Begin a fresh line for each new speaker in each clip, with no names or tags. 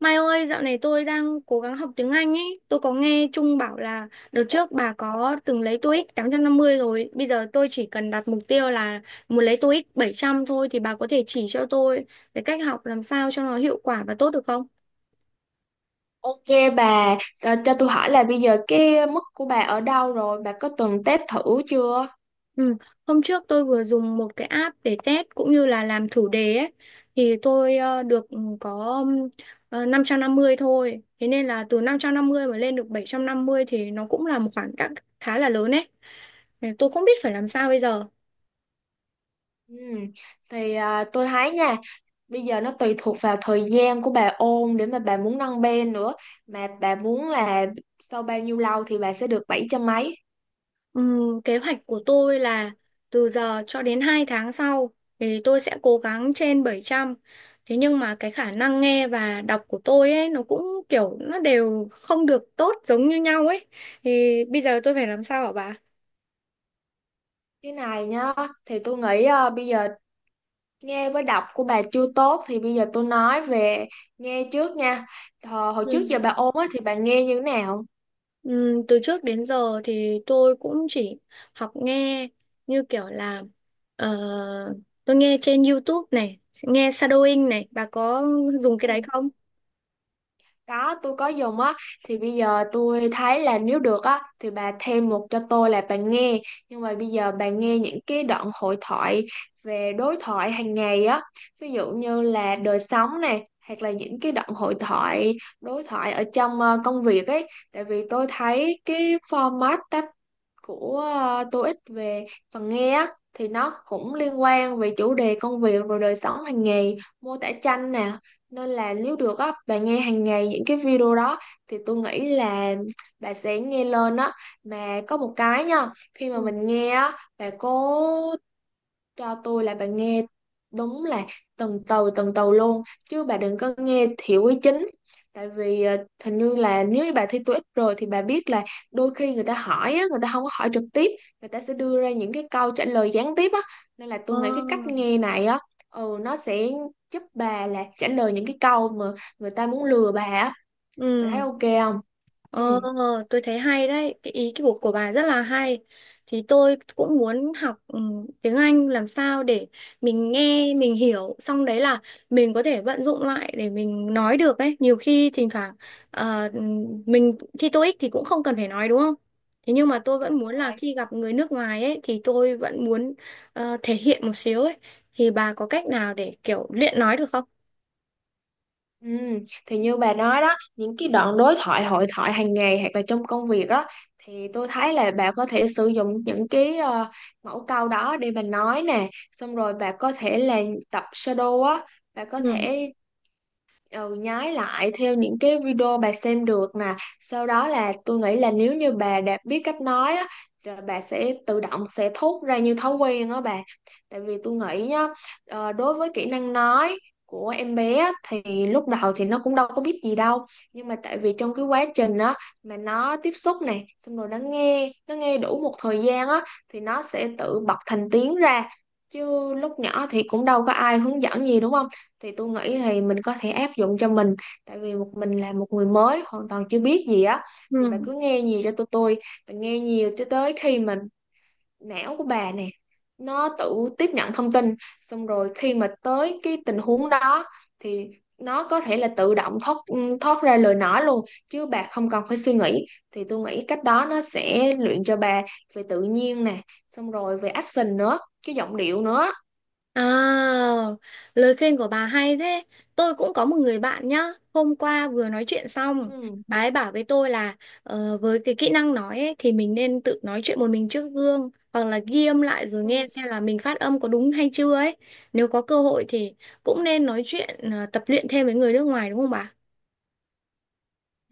Mai ơi, dạo này tôi đang cố gắng học tiếng Anh ấy. Tôi có nghe Trung bảo là đợt trước bà có từng lấy TOEIC 850 rồi. Bây giờ tôi chỉ cần đặt mục tiêu là muốn lấy TOEIC 700 thôi thì bà có thể chỉ cho tôi cái cách học làm sao cho nó hiệu quả và tốt được không?
Ok bà, cho tôi hỏi là bây giờ cái mức của bà ở đâu rồi, bà có từng test thử chưa?
Ừ. Hôm trước tôi vừa dùng một cái app để test cũng như là làm thử đề ấy. Thì tôi được có 550 thôi. Thế nên là từ 550 mà lên được 750 thì nó cũng là một khoảng cách khá là lớn ấy. Nên tôi không biết phải làm sao bây giờ.
Ừ. Thì tôi thấy nha, bây giờ nó tùy thuộc vào thời gian của bà ôn để mà bà muốn nâng bên nữa. Mà bà muốn là sau bao nhiêu lâu thì bà sẽ được bảy trăm mấy.
Kế hoạch của tôi là từ giờ cho đến 2 tháng sau thì tôi sẽ cố gắng trên 700. Thế nhưng mà cái khả năng nghe và đọc của tôi ấy nó cũng kiểu nó đều không được tốt giống như nhau ấy. Thì bây giờ tôi phải làm sao hả bà?
Cái này nhá, thì tôi nghĩ bây giờ nghe với đọc của bà chưa tốt thì bây giờ tôi nói về nghe trước nha. Hồi
Ừ.
trước giờ bà ôn á, thì bà nghe như thế nào?
Ừ, từ trước đến giờ thì tôi cũng chỉ học nghe như kiểu là ờ, tôi nghe trên YouTube này, nghe shadowing này, bà có dùng cái đấy
Ừ.
không?
Có, tôi có dùng á, thì bây giờ tôi thấy là nếu được á, thì bà thêm một cho tôi là bà nghe. Nhưng mà bây giờ bà nghe những cái đoạn hội thoại về đối thoại hàng ngày á, ví dụ như là đời sống này, hoặc là những cái đoạn hội thoại, đối thoại ở trong công việc ấy. Tại vì tôi thấy cái format của TOEIC về phần nghe á, thì nó cũng liên quan về chủ đề công việc rồi đời sống hàng ngày mô tả tranh nè, nên là nếu được á bạn nghe hàng ngày những cái video đó thì tôi nghĩ là bà sẽ nghe lên á, mà có một cái nha, khi mà
Ừ.
mình nghe á bà cố cho tôi là bà nghe đúng là từng từ luôn, chứ bà đừng có nghe thiểu ý chính. Tại vì hình như là nếu như bà thi TOEIC rồi thì bà biết là đôi khi người ta hỏi á, người ta không có hỏi trực tiếp, người ta sẽ đưa ra những cái câu trả lời gián tiếp á, nên là
Ờ.
tôi nghĩ cái cách nghe này á, ừ, nó sẽ giúp bà là trả lời những cái câu mà người ta muốn lừa bà á. Bà thấy
Ừ,
ok không? Ừ.
ờ, tôi thấy hay đấy, cái ý của bà rất là hay. Thì tôi cũng muốn học ừ, tiếng Anh làm sao để mình nghe, mình hiểu, xong đấy là mình có thể vận dụng lại để mình nói được ấy. Nhiều khi thỉnh thoảng ờ, ừ, mình thi TOEIC thì cũng không cần phải nói đúng không? Thế nhưng mà tôi vẫn
Đúng
muốn là
rồi.
khi gặp người nước ngoài ấy thì tôi vẫn muốn thể hiện một xíu ấy. Thì bà có cách nào để kiểu luyện nói được không?
Ừ, thì như bà nói đó, những cái đoạn đối thoại hội thoại hàng ngày hoặc là trong công việc đó, thì tôi thấy là bà có thể sử dụng những cái mẫu câu đó để bà nói nè, xong rồi bà có thể là tập shadow á, bà có
Ừ.
thể ừ, nhái lại theo những cái video bà xem được nè. Sau đó là tôi nghĩ là nếu như bà đã biết cách nói á, rồi bà sẽ tự động sẽ thốt ra như thói quen đó bà. Tại vì tôi nghĩ nhá, đối với kỹ năng nói của em bé á, thì lúc đầu thì nó cũng đâu có biết gì đâu, nhưng mà tại vì trong cái quá trình á mà nó tiếp xúc này, xong rồi nó nghe đủ một thời gian á thì nó sẽ tự bật thành tiếng ra, chứ lúc nhỏ thì cũng đâu có ai hướng dẫn gì, đúng không? Thì tôi nghĩ thì mình có thể áp dụng cho mình, tại vì một mình là một người mới hoàn toàn chưa biết gì á, thì bà
Ừ.
cứ nghe nhiều cho tụi tôi, bà nghe nhiều cho tới khi mà não của bà nè nó tự tiếp nhận thông tin, xong rồi khi mà tới cái tình huống đó thì nó có thể là tự động thoát thoát ra lời nói luôn, chứ bà không cần phải suy nghĩ. Thì tôi nghĩ cách đó nó sẽ luyện cho bà về tự nhiên nè, xong rồi về action nữa, cái giọng điệu nữa.
À, lời khuyên của bà hay thế. Tôi cũng có một người bạn nhá. Hôm qua vừa nói chuyện xong,
Ừ.
bà ấy bảo với tôi là với cái kỹ năng nói ấy, thì mình nên tự nói chuyện một mình trước gương hoặc là ghi âm lại rồi
Ừ.
nghe xem là mình phát âm có đúng hay chưa ấy. Nếu có cơ hội thì cũng nên nói chuyện tập luyện thêm với người nước ngoài đúng không bà?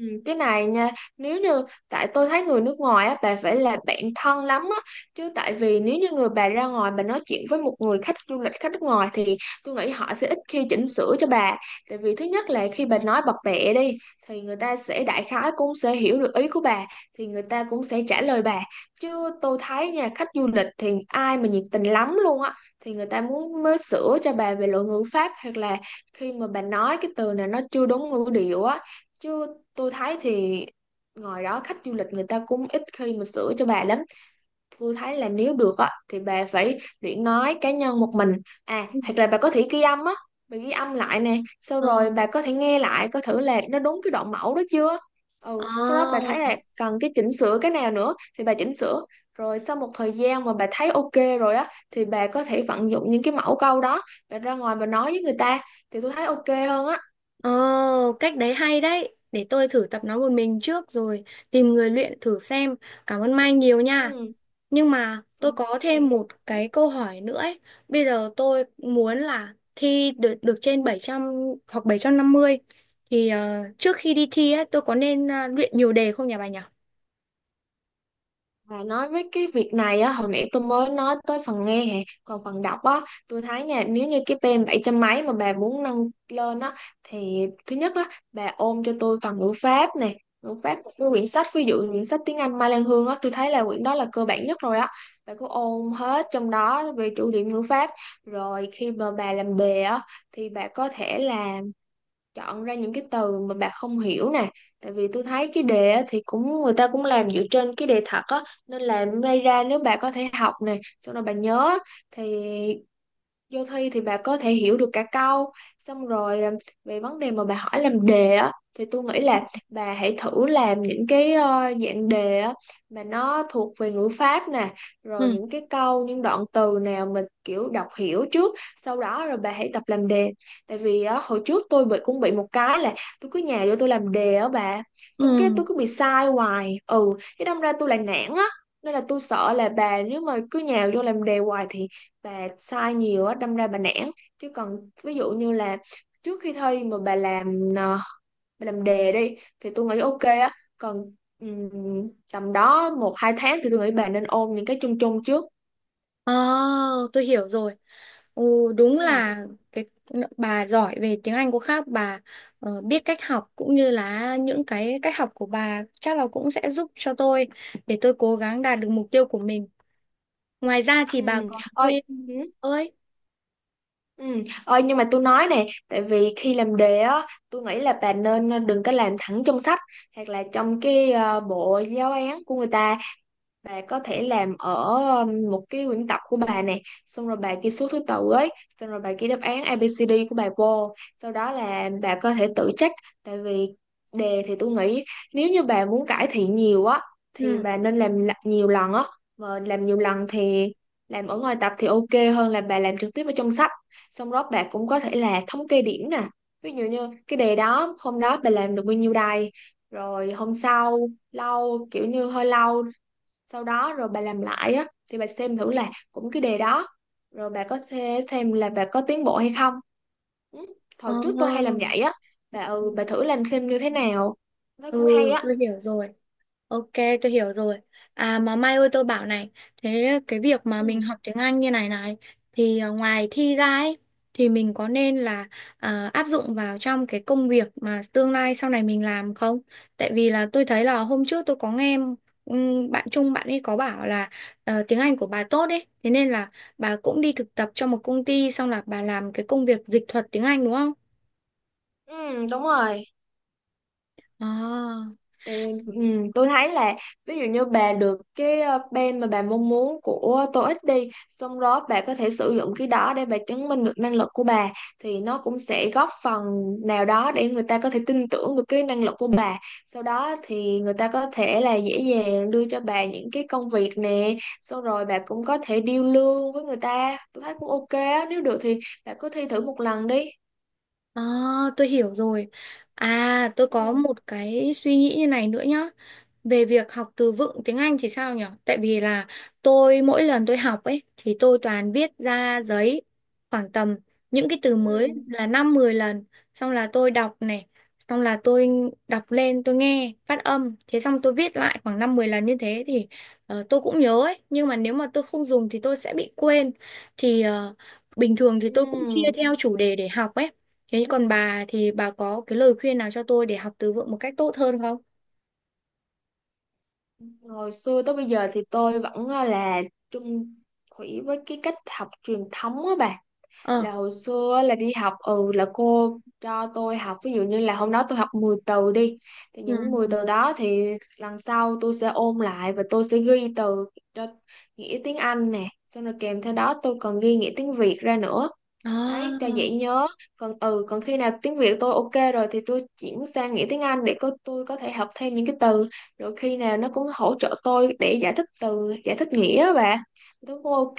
Ừ, cái này nha, nếu như, tại tôi thấy người nước ngoài á bà phải là bạn thân lắm á, chứ tại vì nếu như người bà ra ngoài bà nói chuyện với một người khách du lịch khách nước ngoài thì tôi nghĩ họ sẽ ít khi chỉnh sửa cho bà. Tại vì thứ nhất là khi bà nói bập bẹ đi thì người ta sẽ đại khái cũng sẽ hiểu được ý của bà, thì người ta cũng sẽ trả lời bà, chứ tôi thấy nha khách du lịch thì ai mà nhiệt tình lắm luôn á thì người ta muốn mới sửa cho bà về lỗi ngữ pháp, hoặc là khi mà bà nói cái từ này nó chưa đúng ngữ điệu á. Chứ tôi thấy thì ngoài đó khách du lịch người ta cũng ít khi mà sửa cho bà lắm. Tôi thấy là nếu được á thì bà phải luyện nói cá nhân một mình, à
Ừ.
hoặc là bà có thể ghi âm á, bà ghi âm lại nè sau
Ờ.
rồi bà có thể nghe lại coi thử là nó đúng cái đoạn mẫu đó chưa. Ừ, sau đó bà
Ờ,
thấy là cần cái chỉnh sửa cái nào nữa thì bà chỉnh sửa, rồi sau một thời gian mà bà thấy ok rồi á thì bà có thể vận dụng những cái mẫu câu đó, bà ra ngoài bà nói với người ta thì tôi thấy ok hơn á.
ờ, cách đấy hay đấy. Để tôi thử tập nói một mình trước rồi tìm người luyện thử xem. Cảm ơn Mai nhiều nha.
Ừ.
Nhưng mà tôi
Ok.
có thêm một
Ừ.
cái câu hỏi nữa ấy. Bây giờ tôi muốn là thi được được trên 700 hoặc 750 thì trước khi đi thi ấy tôi có nên luyện nhiều đề không nhỉ bà nhỉ?
Và nói với cái việc này á, hồi nãy tôi mới nói tới phần nghe hè, còn phần đọc á, tôi thấy nha, nếu như cái pê em 700 mấy mà bà muốn nâng lên á, thì thứ nhất á, bà ôm cho tôi phần ngữ pháp nè, ngữ pháp một cái quyển sách, ví dụ quyển sách tiếng Anh Mai Lan Hương á, tôi thấy là quyển đó là cơ bản nhất rồi á, bà cứ ôm hết trong đó về chủ điểm ngữ pháp, rồi khi mà bà làm đề á, thì bà có thể là chọn ra những cái từ mà bà không hiểu nè. Tại vì tôi thấy cái đề á, thì cũng người ta cũng làm dựa trên cái đề thật á, nên là may ra nếu bà có thể học nè xong rồi bà nhớ á, thì vô thi thì bà có thể hiểu được cả câu. Xong rồi về vấn đề mà bà hỏi làm đề á thì tôi nghĩ là bà hãy thử làm những cái dạng đề á mà nó thuộc về ngữ pháp nè, rồi
Ừ.
những cái câu những đoạn từ nào mình kiểu đọc hiểu trước, sau đó rồi bà hãy tập làm đề. Tại vì á, hồi trước tôi cũng bị một cái là tôi cứ nhà vô tôi làm đề á bà, xong cái
Ừ.
tôi cứ bị sai hoài, ừ cái đâm ra tôi lại nản á. Nên là tôi sợ là bà nếu mà cứ nhào vô làm đề hoài thì bà sai nhiều á đâm ra bà nản. Chứ còn ví dụ như là trước khi thi mà bà làm bà làm đề đi thì tôi nghĩ ok á. Còn tầm đó 1 2 tháng thì tôi nghĩ bà nên ôn những cái chung chung trước.
ờ tôi hiểu rồi. Ồ, đúng
Ừ.
là cái bà giỏi về tiếng Anh của khác bà, biết cách học cũng như là những cái cách học của bà chắc là cũng sẽ giúp cho tôi để tôi cố gắng đạt được mục tiêu của mình. Ngoài ra thì bà
Ừ.
còn
Ơi.
thêm
Ừ.
ơi.
Ừ. Ôi, nhưng mà tôi nói nè, tại vì khi làm đề á tôi nghĩ là bà nên đừng có làm thẳng trong sách hoặc là trong cái bộ giáo án của người ta. Bà có thể làm ở một cái quyển tập của bà nè, xong rồi bà ghi số thứ tự ấy, xong rồi bà ghi đáp án A ABCD của bà vô, sau đó là bà có thể tự check. Tại vì đề thì tôi nghĩ nếu như bà muốn cải thiện nhiều á thì
Ừ.
bà nên làm nhiều lần á. Mà làm nhiều lần thì làm ở ngoài tập thì ok hơn là bà làm trực tiếp ở trong sách. Xong đó bà cũng có thể là thống kê điểm nè, ví dụ như cái đề đó hôm đó bà làm được bao nhiêu đài, rồi hôm sau lâu kiểu như hơi lâu sau đó rồi bà làm lại á thì bà xem thử là cũng cái đề đó, rồi bà có thể xem là bà có tiến bộ hay không. Ừ.
Ờ,
Hồi trước tôi hay làm vậy á bà.
ừ,
Ừ bà thử làm xem như thế nào, nó
ừ,
cũng hay á.
tôi hiểu rồi. Ok, tôi hiểu rồi. À mà Mai ơi tôi bảo này, thế cái việc mà mình
Ừ.
học tiếng Anh như này này thì à, ngoài thi ra ấy thì mình có nên là à, áp dụng vào trong cái công việc mà tương lai sau này mình làm không? Tại vì là tôi thấy là hôm trước tôi có nghe bạn Trung bạn ấy có bảo là tiếng Anh của bà tốt ấy, thế nên là bà cũng đi thực tập cho một công ty xong là bà làm cái công việc dịch thuật tiếng Anh đúng không?
Ừ đúng rồi.
À,
Thì, ừ, tôi thấy là ví dụ như bà được cái bên mà bà mong muốn của TOEIC đi, xong đó bà có thể sử dụng cái đó để bà chứng minh được năng lực của bà, thì nó cũng sẽ góp phần nào đó để người ta có thể tin tưởng được cái năng lực của bà. Sau đó thì người ta có thể là dễ dàng đưa cho bà những cái công việc nè, xong rồi bà cũng có thể deal lương với người ta, tôi thấy cũng ok á. Nếu được thì bà cứ thi thử một lần đi.
à, tôi hiểu rồi. À, tôi
Ừ.
có một cái suy nghĩ như này nữa nhá. Về việc học từ vựng tiếng Anh thì sao nhỉ? Tại vì là tôi mỗi lần tôi học ấy thì tôi toàn viết ra giấy khoảng tầm những cái từ mới
Ừ.
là 5 10 lần, xong là tôi đọc này, xong là tôi đọc lên tôi nghe phát âm, thế xong tôi viết lại khoảng 5 10 lần như thế thì tôi cũng nhớ ấy, nhưng mà nếu mà tôi không dùng thì tôi sẽ bị quên. Thì bình thường thì tôi cũng chia
Ừ.
theo chủ đề để học ấy. Thế còn bà thì bà có cái lời khuyên nào cho tôi để học từ vựng một cách tốt hơn không?
Hồi xưa tới bây giờ thì tôi vẫn là chung thủy với cái cách học truyền thống á bà.
Ờ.
Là hồi xưa á, là đi học ừ là cô cho tôi học ví dụ như là hôm đó tôi học 10 từ đi. Thì
Ừ.
những 10 từ đó thì lần sau tôi sẽ ôn lại và tôi sẽ ghi từ cho nghĩa tiếng Anh nè. Xong rồi kèm theo đó tôi còn ghi nghĩa tiếng Việt ra nữa đấy cho
À,
dễ nhớ. Còn ừ còn khi nào tiếng Việt tôi ok rồi thì tôi chuyển sang nghĩa tiếng Anh để có tôi có thể học thêm những cái từ, rồi khi nào nó cũng hỗ trợ tôi để giải thích từ giải thích nghĩa và tôi cũng ok.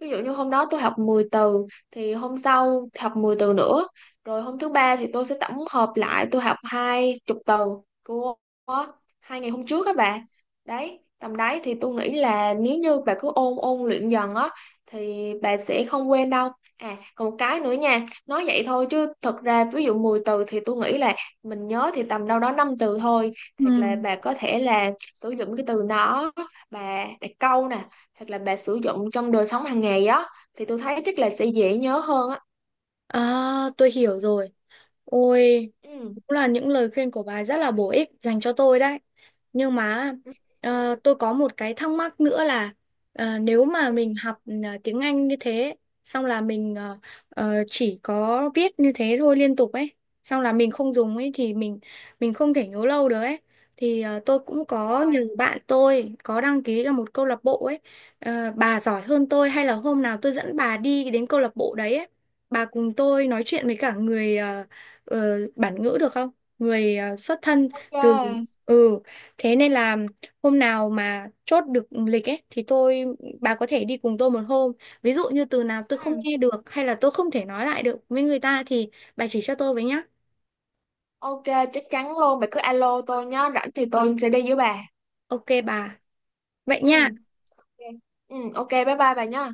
Ví dụ như hôm đó tôi học 10 từ thì hôm sau học 10 từ nữa, rồi hôm thứ ba thì tôi sẽ tổng hợp lại tôi học 20 từ của 2 ngày hôm trước các bạn. Đấy tầm đấy thì tôi nghĩ là nếu như bà cứ ôn ôn luyện dần á thì bà sẽ không quên đâu. À, còn một cái nữa nha, nói vậy thôi chứ thật ra ví dụ 10 từ thì tôi nghĩ là mình nhớ thì tầm đâu đó 5 từ thôi. Thật là
ừ.
bà có thể là sử dụng cái từ nó, bà đặt câu nè, hoặc là bà sử dụng trong đời sống hàng ngày á thì tôi thấy chắc là sẽ dễ nhớ hơn á.
À, tôi hiểu rồi. Ôi,
Ừ.
cũng là những lời khuyên của bà rất là bổ ích dành cho tôi đấy. Nhưng mà
Ừ.
tôi có một cái thắc mắc nữa là nếu mà
Ừ,
mình học ừ, tiếng Anh như thế, xong là mình chỉ có viết như thế thôi liên tục ấy, xong là mình không dùng ấy thì mình không thể nhớ lâu được ấy. Thì tôi cũng
đúng
có
rồi,
nhiều bạn tôi có đăng ký cho một câu lạc bộ ấy. Ờ, bà giỏi hơn tôi hay là hôm nào tôi dẫn bà đi đến câu lạc bộ đấy ấy. Bà cùng tôi nói chuyện với cả người ờ, bản ngữ được không? Người xuất thân
ok.
từ ừ, thế nên là hôm nào mà chốt được lịch ấy thì bà có thể đi cùng tôi một hôm. Ví dụ như từ nào tôi không
Ừ.
nghe được hay là tôi không thể nói lại được với người ta thì bà chỉ cho tôi với nhá.
Ok, chắc chắn luôn, bà cứ alo tôi nhá, rảnh thì tôi sẽ đi với bà.
Ok bà. Vậy
Ừ.
nha.
Ok. Ừ, ok, bye bye bà nhá.